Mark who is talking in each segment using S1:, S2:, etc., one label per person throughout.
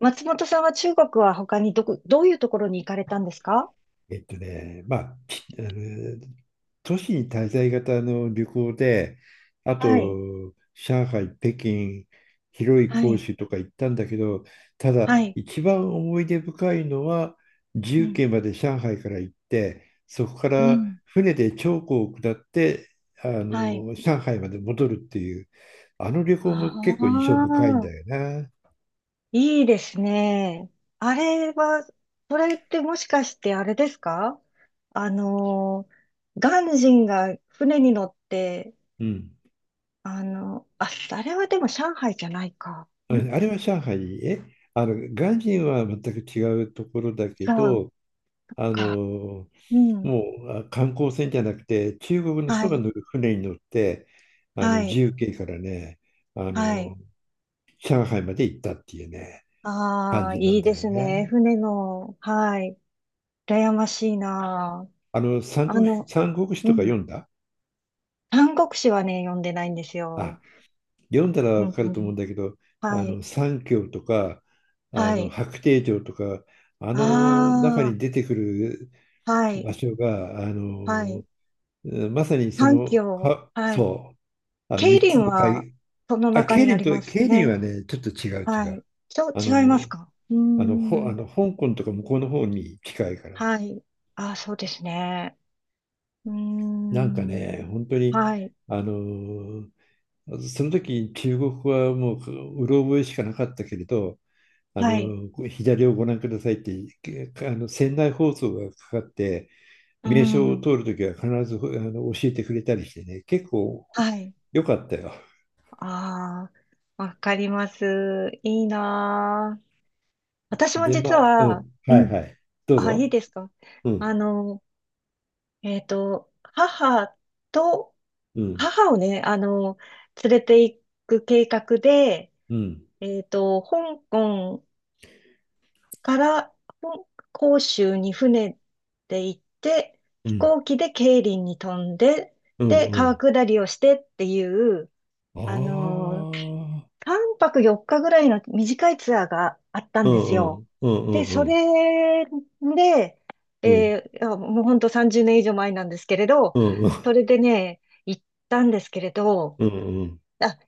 S1: 松本さんは中国は他にどういうところに行かれたんですか？
S2: まあ、きあの都市に滞在型の旅行で、あ
S1: はい。
S2: と、上海、北京、
S1: は
S2: 広
S1: い、
S2: 州とか行ったんだけど、ただ、
S1: はい、
S2: 一番思い出深いのは、
S1: う
S2: 重
S1: ん、
S2: 慶まで上海から行って、そこか
S1: う
S2: ら
S1: ん、
S2: 船で長江を下って、
S1: はい。
S2: 上海まで戻るっていう、あの旅行
S1: あ
S2: も結構印象深いん
S1: あ、
S2: だよな。
S1: いいですね。あれは、それってもしかしてあれですか？あの鑑真が船に乗って、
S2: うん。
S1: あれはでも上海じゃないか。
S2: ああ
S1: 違
S2: れは上海、鑑真は全く違うところだけ
S1: う
S2: ど、あ
S1: か。
S2: の
S1: うん。
S2: もう観光船じゃなくて中国の
S1: は
S2: 人が
S1: い、
S2: 乗る船に乗って
S1: は
S2: 自
S1: い、
S2: 由形からねあ
S1: はい。
S2: の上海まで行ったっていうね、感
S1: ああ、
S2: じな
S1: い
S2: ん
S1: いで
S2: だよ
S1: すね。
S2: ね。
S1: 船の、はい。羨ましいなあ。
S2: 三国志
S1: う
S2: とか読
S1: ん。
S2: んだ？
S1: 三国志はね、読んでないんです
S2: あ
S1: よ。
S2: 読んだら
S1: う
S2: わ
S1: ん
S2: か
S1: う
S2: ると思う
S1: ん。
S2: んだけど、
S1: はい。
S2: 三峡とか
S1: はい。
S2: 白帝城とかあ
S1: あ
S2: の中に出てくる
S1: あ、は
S2: 場
S1: い。
S2: 所が
S1: はい。
S2: まさにそ
S1: 三
S2: の
S1: 教。
S2: か
S1: はい。
S2: そうあの
S1: 桂
S2: 3
S1: 林
S2: つの
S1: は、
S2: 海、
S1: その
S2: あ、
S1: 中にあります
S2: ケイリン
S1: ね。
S2: はね、ちょっと違う違
S1: は
S2: う。
S1: い。
S2: あの、
S1: 違いますか？うー
S2: あの、ほ、あ
S1: ん。
S2: の香港とか向こうの方に近いから。
S1: はい。ああ、そうですね。うー
S2: なんかね、
S1: ん。
S2: 本当に、
S1: はい。
S2: あの、その時中国語はもう、うろ覚えしかなかったけれど、
S1: はい。
S2: 左をご覧くださいって、けあの、船内放送がかかって、
S1: うー
S2: 名称を
S1: ん。
S2: 通るときは必ず教えてくれたりしてね、結構
S1: はい。
S2: 良かったよ。
S1: ああ、わかります。いいなあ。私も
S2: で、ま
S1: 実
S2: あ、う
S1: は、
S2: ん、
S1: う
S2: はい
S1: ん。
S2: はい。どう
S1: あ、いい
S2: ぞ。
S1: ですか？
S2: う
S1: あ
S2: ん、
S1: の、えっと、母と、
S2: うん、
S1: 母をね、連れて行く計画で、
S2: うん、
S1: 香港から、香広州に船で行って、
S2: う
S1: 飛
S2: ん、
S1: 行機で桂林に飛んで、
S2: うん、
S1: で、
S2: う
S1: 川
S2: ん。
S1: 下りをしてっていう、
S2: あ
S1: あの、
S2: あ、
S1: 3泊4日ぐらいの短いツアーがあった
S2: う
S1: んです
S2: んう
S1: よ。
S2: ん、うんう
S1: で、
S2: ん
S1: そ
S2: うん、
S1: れで、
S2: うん、
S1: いやもうほんと30年以上前なんですけれど、
S2: うんうん、
S1: それでね、行ったんですけれど、
S2: うん、
S1: あ、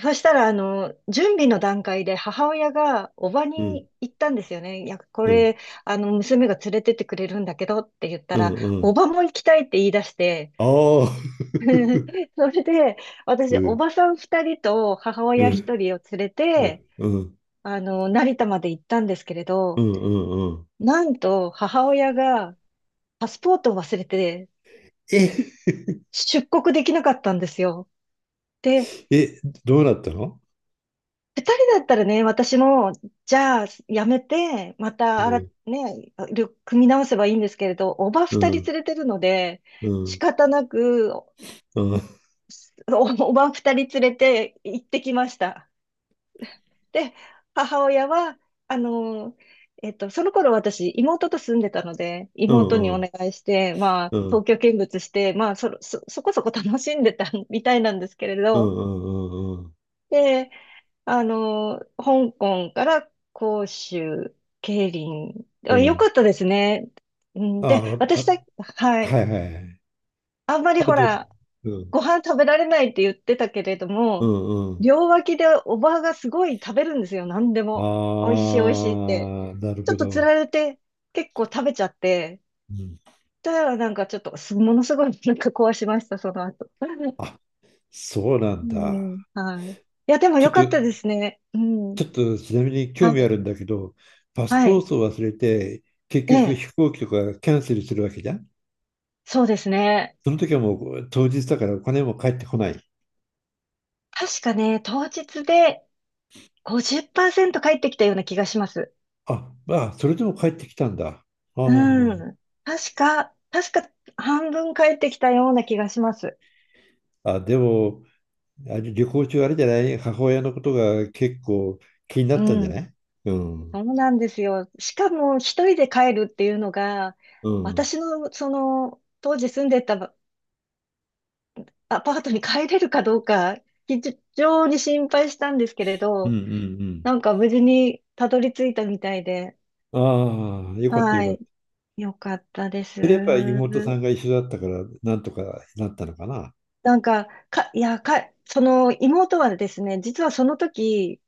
S1: そしたら、準備の段階で母親がおば
S2: うん、
S1: に行ったんですよね。いや、こ
S2: うん、
S1: れ、あの、娘が連れてってくれるんだけどって言った
S2: うん、
S1: ら、
S2: う
S1: お
S2: ん、
S1: ばも行きたいって言い出して、
S2: ああ、
S1: それで、
S2: う
S1: 私、お
S2: ん、
S1: ばさん2人と母
S2: う
S1: 親1
S2: ん、
S1: 人を連れ
S2: う
S1: て、
S2: ん、うん、うん、
S1: 成田まで行ったんですけれ
S2: う
S1: ど、
S2: ん、
S1: なんと母親がパスポートを忘れて
S2: え、
S1: 出国できなかったんですよ。で、
S2: え、どうなったの？
S1: 二人だったらね、私も、じゃあ、やめて、ま
S2: う
S1: た、あら、
S2: ん、
S1: ね、旅組み直せばいいんですけれど、おば
S2: う
S1: 二人
S2: ん、
S1: 連れてるので、
S2: うん、う
S1: 仕
S2: ん、
S1: 方なく、
S2: うん、
S1: おば二人連れて行ってきました。で、母親は、あの、その頃私、妹と住んでたので、
S2: う
S1: 妹
S2: ん、
S1: に
S2: う
S1: お
S2: ん、
S1: 願いして、まあ、
S2: うん、う
S1: 東
S2: ん、
S1: 京見物して、まあ、そこそこ楽しんでた みたいなんですけれど、
S2: うん、
S1: で、香港から広州、桂林、
S2: う
S1: よか
S2: ん、
S1: ったですね。うん
S2: あ、
S1: で、
S2: あ
S1: は
S2: は
S1: い。
S2: いはいはい。
S1: あんまり
S2: あ
S1: ほ
S2: と、
S1: ら、
S2: うん、
S1: ご飯食べられないって言ってたけれど
S2: う
S1: も、
S2: ん、うん。
S1: 両脇でおばあがすごい食べるんですよ、何でも。美味しい美味しいって。
S2: ああ、なる
S1: ちょっ
S2: ほ
S1: とつ
S2: ど。
S1: られて結構食べちゃって、
S2: うん、
S1: だからなんかちょっとものすごいなんか壊しました、その後。
S2: あ、そうなん
S1: う
S2: だ。
S1: ん、はい。いや、でも
S2: ちょ
S1: 良
S2: っと
S1: かったですね。うん。
S2: ちょっとちなみに興
S1: は
S2: 味あ
S1: い。
S2: るんだけど、パス
S1: は
S2: ポー
S1: い。
S2: トを忘れて、結
S1: え
S2: 局
S1: え、
S2: 飛行機とかキャンセルするわけじゃん。
S1: そうですね。
S2: その時はもう当日だからお金も返ってこない。
S1: 確かね、当日で50%返ってきたような気がします。
S2: あ、まあ、それでも帰ってきたんだ。あ
S1: うん。確か半分帰ってきたような気がします。
S2: ああ、でも、あれ旅行中あれじゃない？母親のことが結構気にな
S1: う
S2: ったんじゃな
S1: ん。
S2: い？うん。うん。
S1: そうなんですよ。しかも一人で帰るっていうのが、
S2: うん
S1: 私のその当時住んでたアパートに帰れるかどうか、非常に心配したんですけれ
S2: う
S1: ど、
S2: ん
S1: なんか無事にたどり着いたみたいで、
S2: うん。ああ、よかったよ
S1: は
S2: かっ
S1: い。
S2: た。
S1: よかったです。
S2: それやっぱ妹さんが一緒だったから、なんとかなったのかな。
S1: なんか、いや、その妹はですね、実はその時、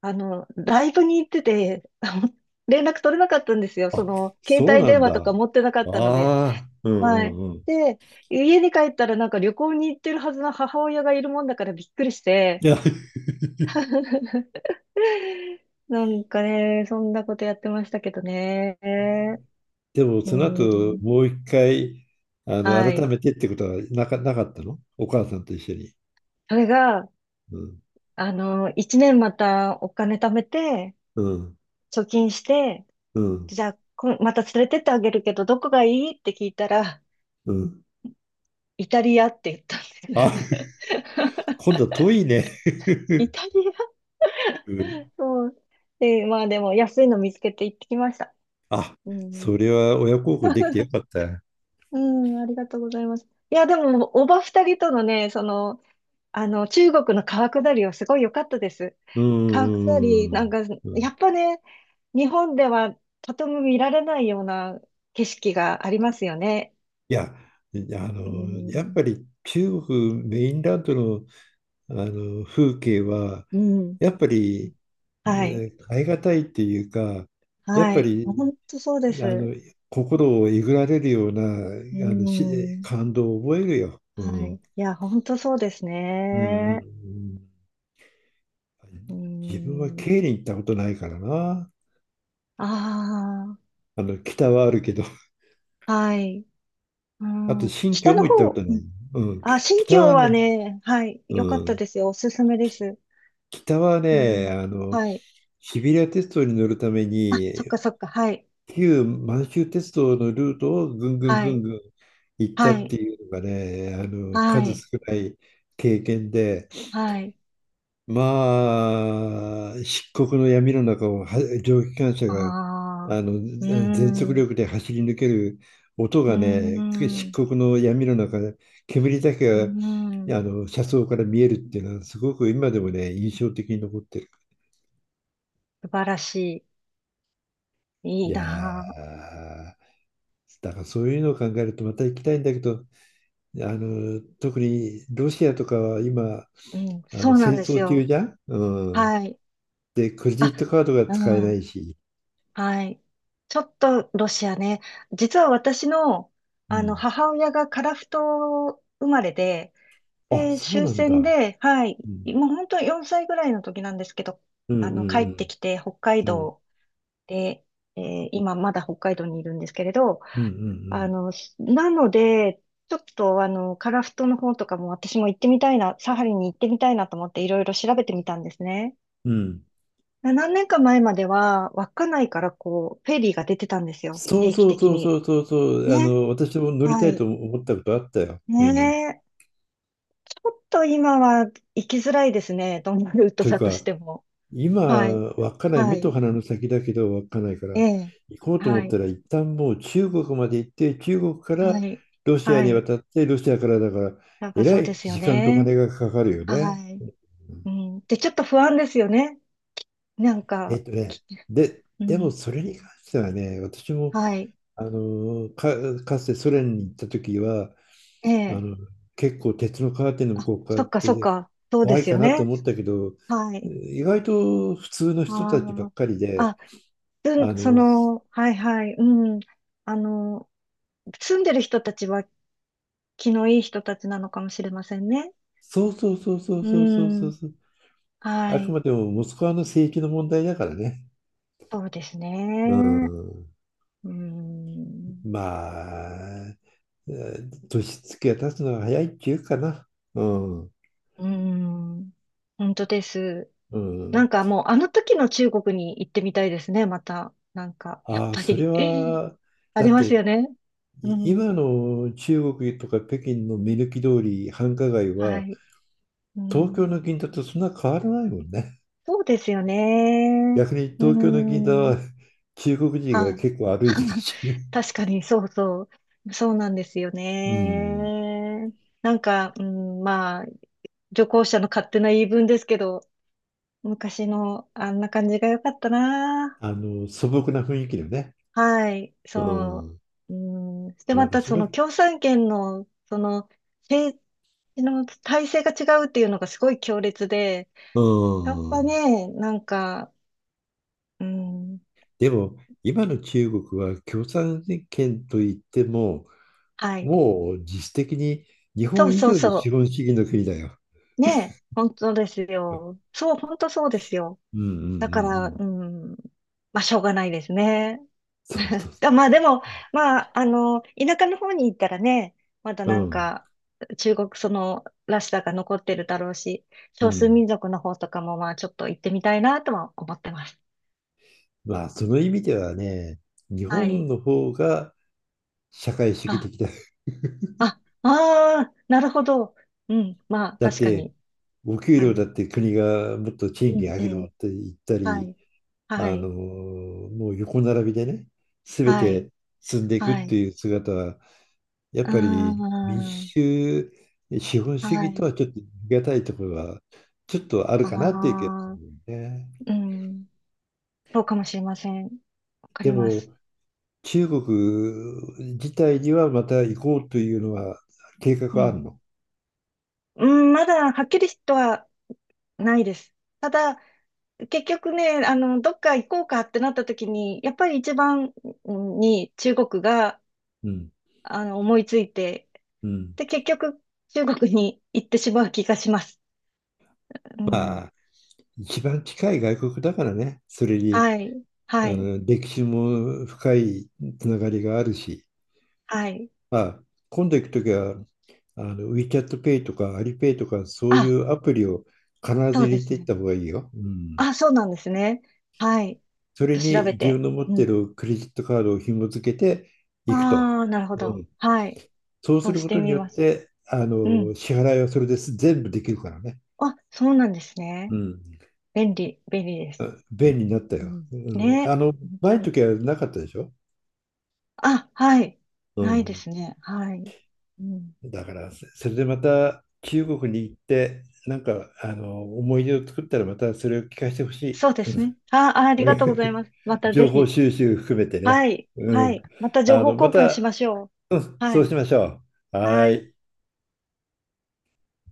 S1: ライブに行ってて、連絡取れなかったんですよ。そ
S2: あ、
S1: の、携
S2: そう
S1: 帯
S2: な
S1: 電
S2: ん
S1: 話
S2: だ。
S1: とか持ってなか
S2: あ
S1: ったので。
S2: あ、うん
S1: はい。
S2: うんうん。
S1: で、家に帰ったらなんか旅行に行ってるはずの母親がいるもんだからびっくりして。
S2: いや、
S1: なんかね、そんなことやってましたけどね。
S2: でも
S1: う
S2: その後
S1: ん。
S2: もう一回、
S1: は
S2: 改
S1: い。
S2: めてってことはなかったの？お母さんと一緒に。
S1: それが、
S2: うん、
S1: 1年またお金貯めて、
S2: うん、
S1: 貯金して、
S2: うん、
S1: じゃあ、また連れてってあげるけど、どこがいいって聞いたら、
S2: うん。
S1: イタリアって言ったんで
S2: あ、
S1: す。
S2: 今度は遠いね。
S1: イタリア
S2: うん。
S1: そう。で、まあでも安いの見つけて行ってきました。
S2: あ、
S1: うん。
S2: それは親孝行できてよ かった。
S1: うん、ありがとうございます。いや、でも、おば二人とのね、中国の川下りはすごい良かったです。
S2: うん、
S1: 川下り、
S2: う
S1: なん
S2: ん、
S1: か、
S2: う
S1: や
S2: ん。
S1: っぱね、日本ではとても見られないような景色がありますよね。
S2: いや、
S1: う
S2: やっぱ
S1: ん。
S2: り中国メインランドの、あの風景は、
S1: うん。
S2: やっぱり、
S1: はい。
S2: ね、変えがたいっていうか、やっ
S1: は
S2: ぱ
S1: い。
S2: り、
S1: 本当そうで
S2: あ
S1: す。
S2: の、心をえぐられるような、
S1: う
S2: あの、し、
S1: ん。
S2: 感動を覚えるよ。う
S1: はい。い
S2: ん。
S1: や、本当そうです
S2: うんうんう
S1: ね。
S2: ん。
S1: うー
S2: 自分は
S1: ん。
S2: ケイに行ったことないからな。
S1: あ
S2: 北はあるけど、
S1: あ、はい。う
S2: あと
S1: ん。
S2: 新
S1: 北
S2: 疆も
S1: の
S2: 行ったこと
S1: 方、
S2: な
S1: う
S2: い。
S1: ん。
S2: うん、
S1: あ、新
S2: 北
S1: 疆
S2: は
S1: は
S2: ね、
S1: ね、はい。良かっ
S2: う
S1: た
S2: ん、
S1: ですよ。おすすめです。
S2: 北は
S1: う
S2: ね、
S1: ん。はい。
S2: シビリア鉄道に乗るため
S1: あ、そっ
S2: に
S1: かそっか。はい。
S2: 旧満州鉄道のルートをぐんぐん
S1: は
S2: ぐん
S1: い。
S2: ぐん行った
S1: は
S2: って
S1: い。
S2: いうのがね、
S1: は
S2: 数少
S1: い。
S2: ない経験で、
S1: はい。
S2: まあ、漆黒の闇の中をは蒸気機関車
S1: あ
S2: があ
S1: あ、
S2: の
S1: うー
S2: ぜ全速
S1: ん。う
S2: 力で走り抜ける音
S1: ー
S2: がね、
S1: ん。
S2: 漆
S1: う
S2: 黒の闇の中、で煙だ
S1: ー
S2: けが
S1: ん。
S2: 車窓から見えるっていうのは、すごく今でもね、印象的に残ってる。
S1: 素晴らしい。
S2: い
S1: いい
S2: や
S1: なあ。
S2: ー、だからそういうのを考えるとまた行きたいんだけど、特にロシアとかは今、
S1: うん。そうな
S2: 戦
S1: んです
S2: 争中
S1: よ。
S2: じゃん、うん。
S1: はい。
S2: で、クレジ
S1: あ、
S2: ットカードが
S1: う
S2: 使えな
S1: ん。
S2: いし。
S1: はい。ちょっとロシアね。実は私の、
S2: うん。
S1: 母親が樺太生まれで、
S2: あ、
S1: で、
S2: そう
S1: 終
S2: なん
S1: 戦
S2: だ。
S1: で、はい。
S2: うん。
S1: もう本当4歳ぐらいの時なんですけど、
S2: うんう
S1: 帰
S2: んう
S1: って
S2: ん。
S1: きて北海
S2: うん
S1: 道で、え今まだ北海道にいるんですけれど、
S2: うんう
S1: あ
S2: ん
S1: の、なので、ちょっと樺太の方とかも私も行ってみたいな、サハリンに行ってみたいなと思っていろいろ調べてみたんですね。
S2: うん。うん、
S1: 何年か前までは、稚内からこう、フェリーが出てたんですよ。
S2: そう
S1: 定期
S2: そう
S1: 的
S2: そうそ
S1: に。
S2: うそうそう。
S1: ね。
S2: 私も乗りた
S1: は
S2: い
S1: い。
S2: と思ったことあったよ。う
S1: ね
S2: ん。
S1: え。ちょっと今は行きづらいですね。どんなルート
S2: という
S1: だと
S2: か、
S1: しても。
S2: 今、
S1: はい。
S2: 稚内、
S1: は
S2: 目と
S1: い。
S2: 鼻の先だけど稚内か
S1: え
S2: ら
S1: え。
S2: 行こうと思
S1: は
S2: った
S1: い。
S2: ら、一旦もう中国まで行って、中国か
S1: は
S2: ら
S1: い。
S2: ロシア
S1: は
S2: に
S1: い。
S2: 渡って、ロシアからだから、
S1: なん
S2: え
S1: か
S2: ら
S1: そうで
S2: い
S1: すよ
S2: 時間とお
S1: ね。
S2: 金がかかるよ
S1: は
S2: ね。
S1: い。
S2: うん、
S1: うん。で、ちょっと不安ですよね。なん
S2: えっ
S1: か、
S2: とね、
S1: き
S2: で、
S1: う
S2: でも
S1: ん。
S2: それに関してはね、私も
S1: はい。
S2: かつてソ連に行った時は、
S1: え
S2: あ
S1: え。
S2: の結構鉄のカーテンの向
S1: あ、
S2: こう側
S1: そ
S2: っ
S1: っかそっ
S2: て
S1: か。そうで
S2: 怖い
S1: す
S2: か
S1: よ
S2: なと
S1: ね。
S2: 思ったけど、
S1: はい。
S2: 意外と普通の
S1: あ
S2: 人たちばっ
S1: ー
S2: かりで、
S1: つん、
S2: あ
S1: そ
S2: の
S1: の、はいはい、うん。あの、住んでる人たちは気のいい人たちなのかもしれませんね。
S2: そうそうそうそう
S1: う
S2: そうそうそう
S1: ん。
S2: そう。
S1: は
S2: あく
S1: い。
S2: までもモスクワの政域の問題だからね。
S1: そうです
S2: う
S1: ね。
S2: ん。
S1: うん。
S2: まあ、年月が経つのが早いっていうかな。うん。
S1: うん。本当です。
S2: う
S1: な
S2: ん。
S1: んかもう、あの時の中国に行ってみたいですね、また。なんか、やっ
S2: ああ、
S1: ぱ
S2: それ
S1: り
S2: は、
S1: あ
S2: だ
S1: り
S2: っ
S1: ます
S2: て、
S1: よね。うん。
S2: 今の中国とか北京の目抜き通り、繁華街
S1: は
S2: は、
S1: い。う
S2: 東京
S1: ん。
S2: の銀座とそんな変わらないもんね。
S1: そうですよね。
S2: 逆に
S1: う
S2: 東京の銀座は
S1: ん。
S2: 中国人が
S1: はい。
S2: 結構歩いてる し、
S1: 確かに、そうそう。そうなんですよ
S2: うん。
S1: ね。なんか、うん、まあ、旅行者の勝手な言い分ですけど、昔のあんな感じが良かったな。
S2: 素朴な雰囲気のね。
S1: はい、
S2: う
S1: そ
S2: ん、
S1: う。うん、で、
S2: なん
S1: ま
S2: か
S1: た、
S2: そ
S1: そ
S2: れ、
S1: の共産圏の、政治の体制が違うっていうのがすごい強烈で、
S2: う
S1: やっぱ
S2: ん。
S1: ね、なんか、うん、
S2: でも、今の中国は共産権といっても、
S1: はい。
S2: もう実質的に日
S1: そ
S2: 本
S1: う
S2: 以
S1: そう
S2: 上に
S1: そ
S2: 資
S1: う。
S2: 本主義の国だよ。
S1: ねえ、本当ですよ。そう、本当そうですよ。
S2: うんうんうんう
S1: だから、
S2: ん。
S1: うん、まあ、しょうがないですね。
S2: そうそ うそ
S1: まあ、でも、まあ、田舎の方に行ったらね、まだ
S2: う。う
S1: なん
S2: ん
S1: か、中国そのらしさが残ってるだろうし、
S2: う
S1: 少数
S2: ん。
S1: 民族の方とかも、まあ、ちょっと行ってみたいなとは思ってます。
S2: まあ、その意味ではね、日
S1: は
S2: 本
S1: い。
S2: の方が社会主義
S1: あ、
S2: 的だ。
S1: あ、ああ、なるほど。うん、まあ、
S2: だっ
S1: 確か
S2: て、
S1: に。
S2: お給
S1: は
S2: 料
S1: い。
S2: だって国がもっと
S1: う
S2: 賃金
S1: ん、
S2: 上げ
S1: う
S2: ろっ
S1: ん。
S2: て言った
S1: は
S2: り、
S1: い。はい。
S2: もう横並びでね、すべ
S1: はい。
S2: て進んでいくっ
S1: はい。
S2: ていう姿は
S1: う
S2: やっ
S1: ー
S2: ぱり民
S1: ん。
S2: 主資本主
S1: は
S2: 義と
S1: い。
S2: はちょっと言い難いところはちょっとある
S1: あ
S2: かなっていう気がす
S1: あ、
S2: るね。
S1: うん。そうかもしれません。わか
S2: で
S1: りま
S2: も
S1: す。
S2: 中国自体にはまた行こうというのは計画
S1: う
S2: はあ
S1: ん。
S2: るの？
S1: うん、まだはっきりとはないです。ただ、結局ね、どっか行こうかってなった時に、やっぱり一番に中国が、
S2: うん。
S1: 思いついて、
S2: うん。
S1: で、結局中国に行ってしまう気がします。うん。
S2: まあ一番近い外国だからね。それに
S1: はい。はい。
S2: 歴史も深いつながりがあるし。
S1: はい。
S2: まあ今度行くときはWeChat Pay とか Alipay とかそうい
S1: あ、
S2: うアプリを必
S1: そ
S2: ず
S1: う
S2: 入
S1: で
S2: れ
S1: す
S2: ていっ
S1: ね。
S2: た方がいいよ。うん、
S1: あ、そうなんですね。はい。ちょ
S2: そ
S1: っ
S2: れ
S1: と調
S2: に
S1: べ
S2: 自分
S1: て。
S2: の持っ
S1: う
S2: てい
S1: ん。
S2: るクレジットカードを紐付けていくと。
S1: ああ、なるほ
S2: う
S1: ど。
S2: ん。
S1: はい。
S2: そう
S1: そ
S2: す
S1: う
S2: る
S1: し
S2: こ
S1: て
S2: とに
S1: み
S2: よっ
S1: ます。
S2: て、
S1: うん。
S2: 支払いはそれです。全部できるからね。
S1: あ、そうなんです
S2: う
S1: ね。
S2: ん。
S1: 便利、便利です。
S2: あ、便利になった
S1: う
S2: よ。
S1: ん、
S2: うん、
S1: ね。本当
S2: 前の
S1: に。
S2: 時はなかったでしょ
S1: あ、はい。
S2: う
S1: ないで
S2: ん。
S1: すね。はい。うん、
S2: だから、それでまた中国に行って、なんか、思い出を作ったらまたそれを聞かせてほしい。
S1: そうで
S2: う
S1: す
S2: ん。
S1: ね。ありがとうござい ます。またぜ
S2: 情報
S1: ひ。
S2: 収集含めてね。
S1: はい。
S2: う
S1: はい。
S2: ん。
S1: また情報
S2: ま
S1: 交換し
S2: た、
S1: ましょう。は
S2: そう
S1: い。
S2: しましょう。は
S1: はい。
S2: い。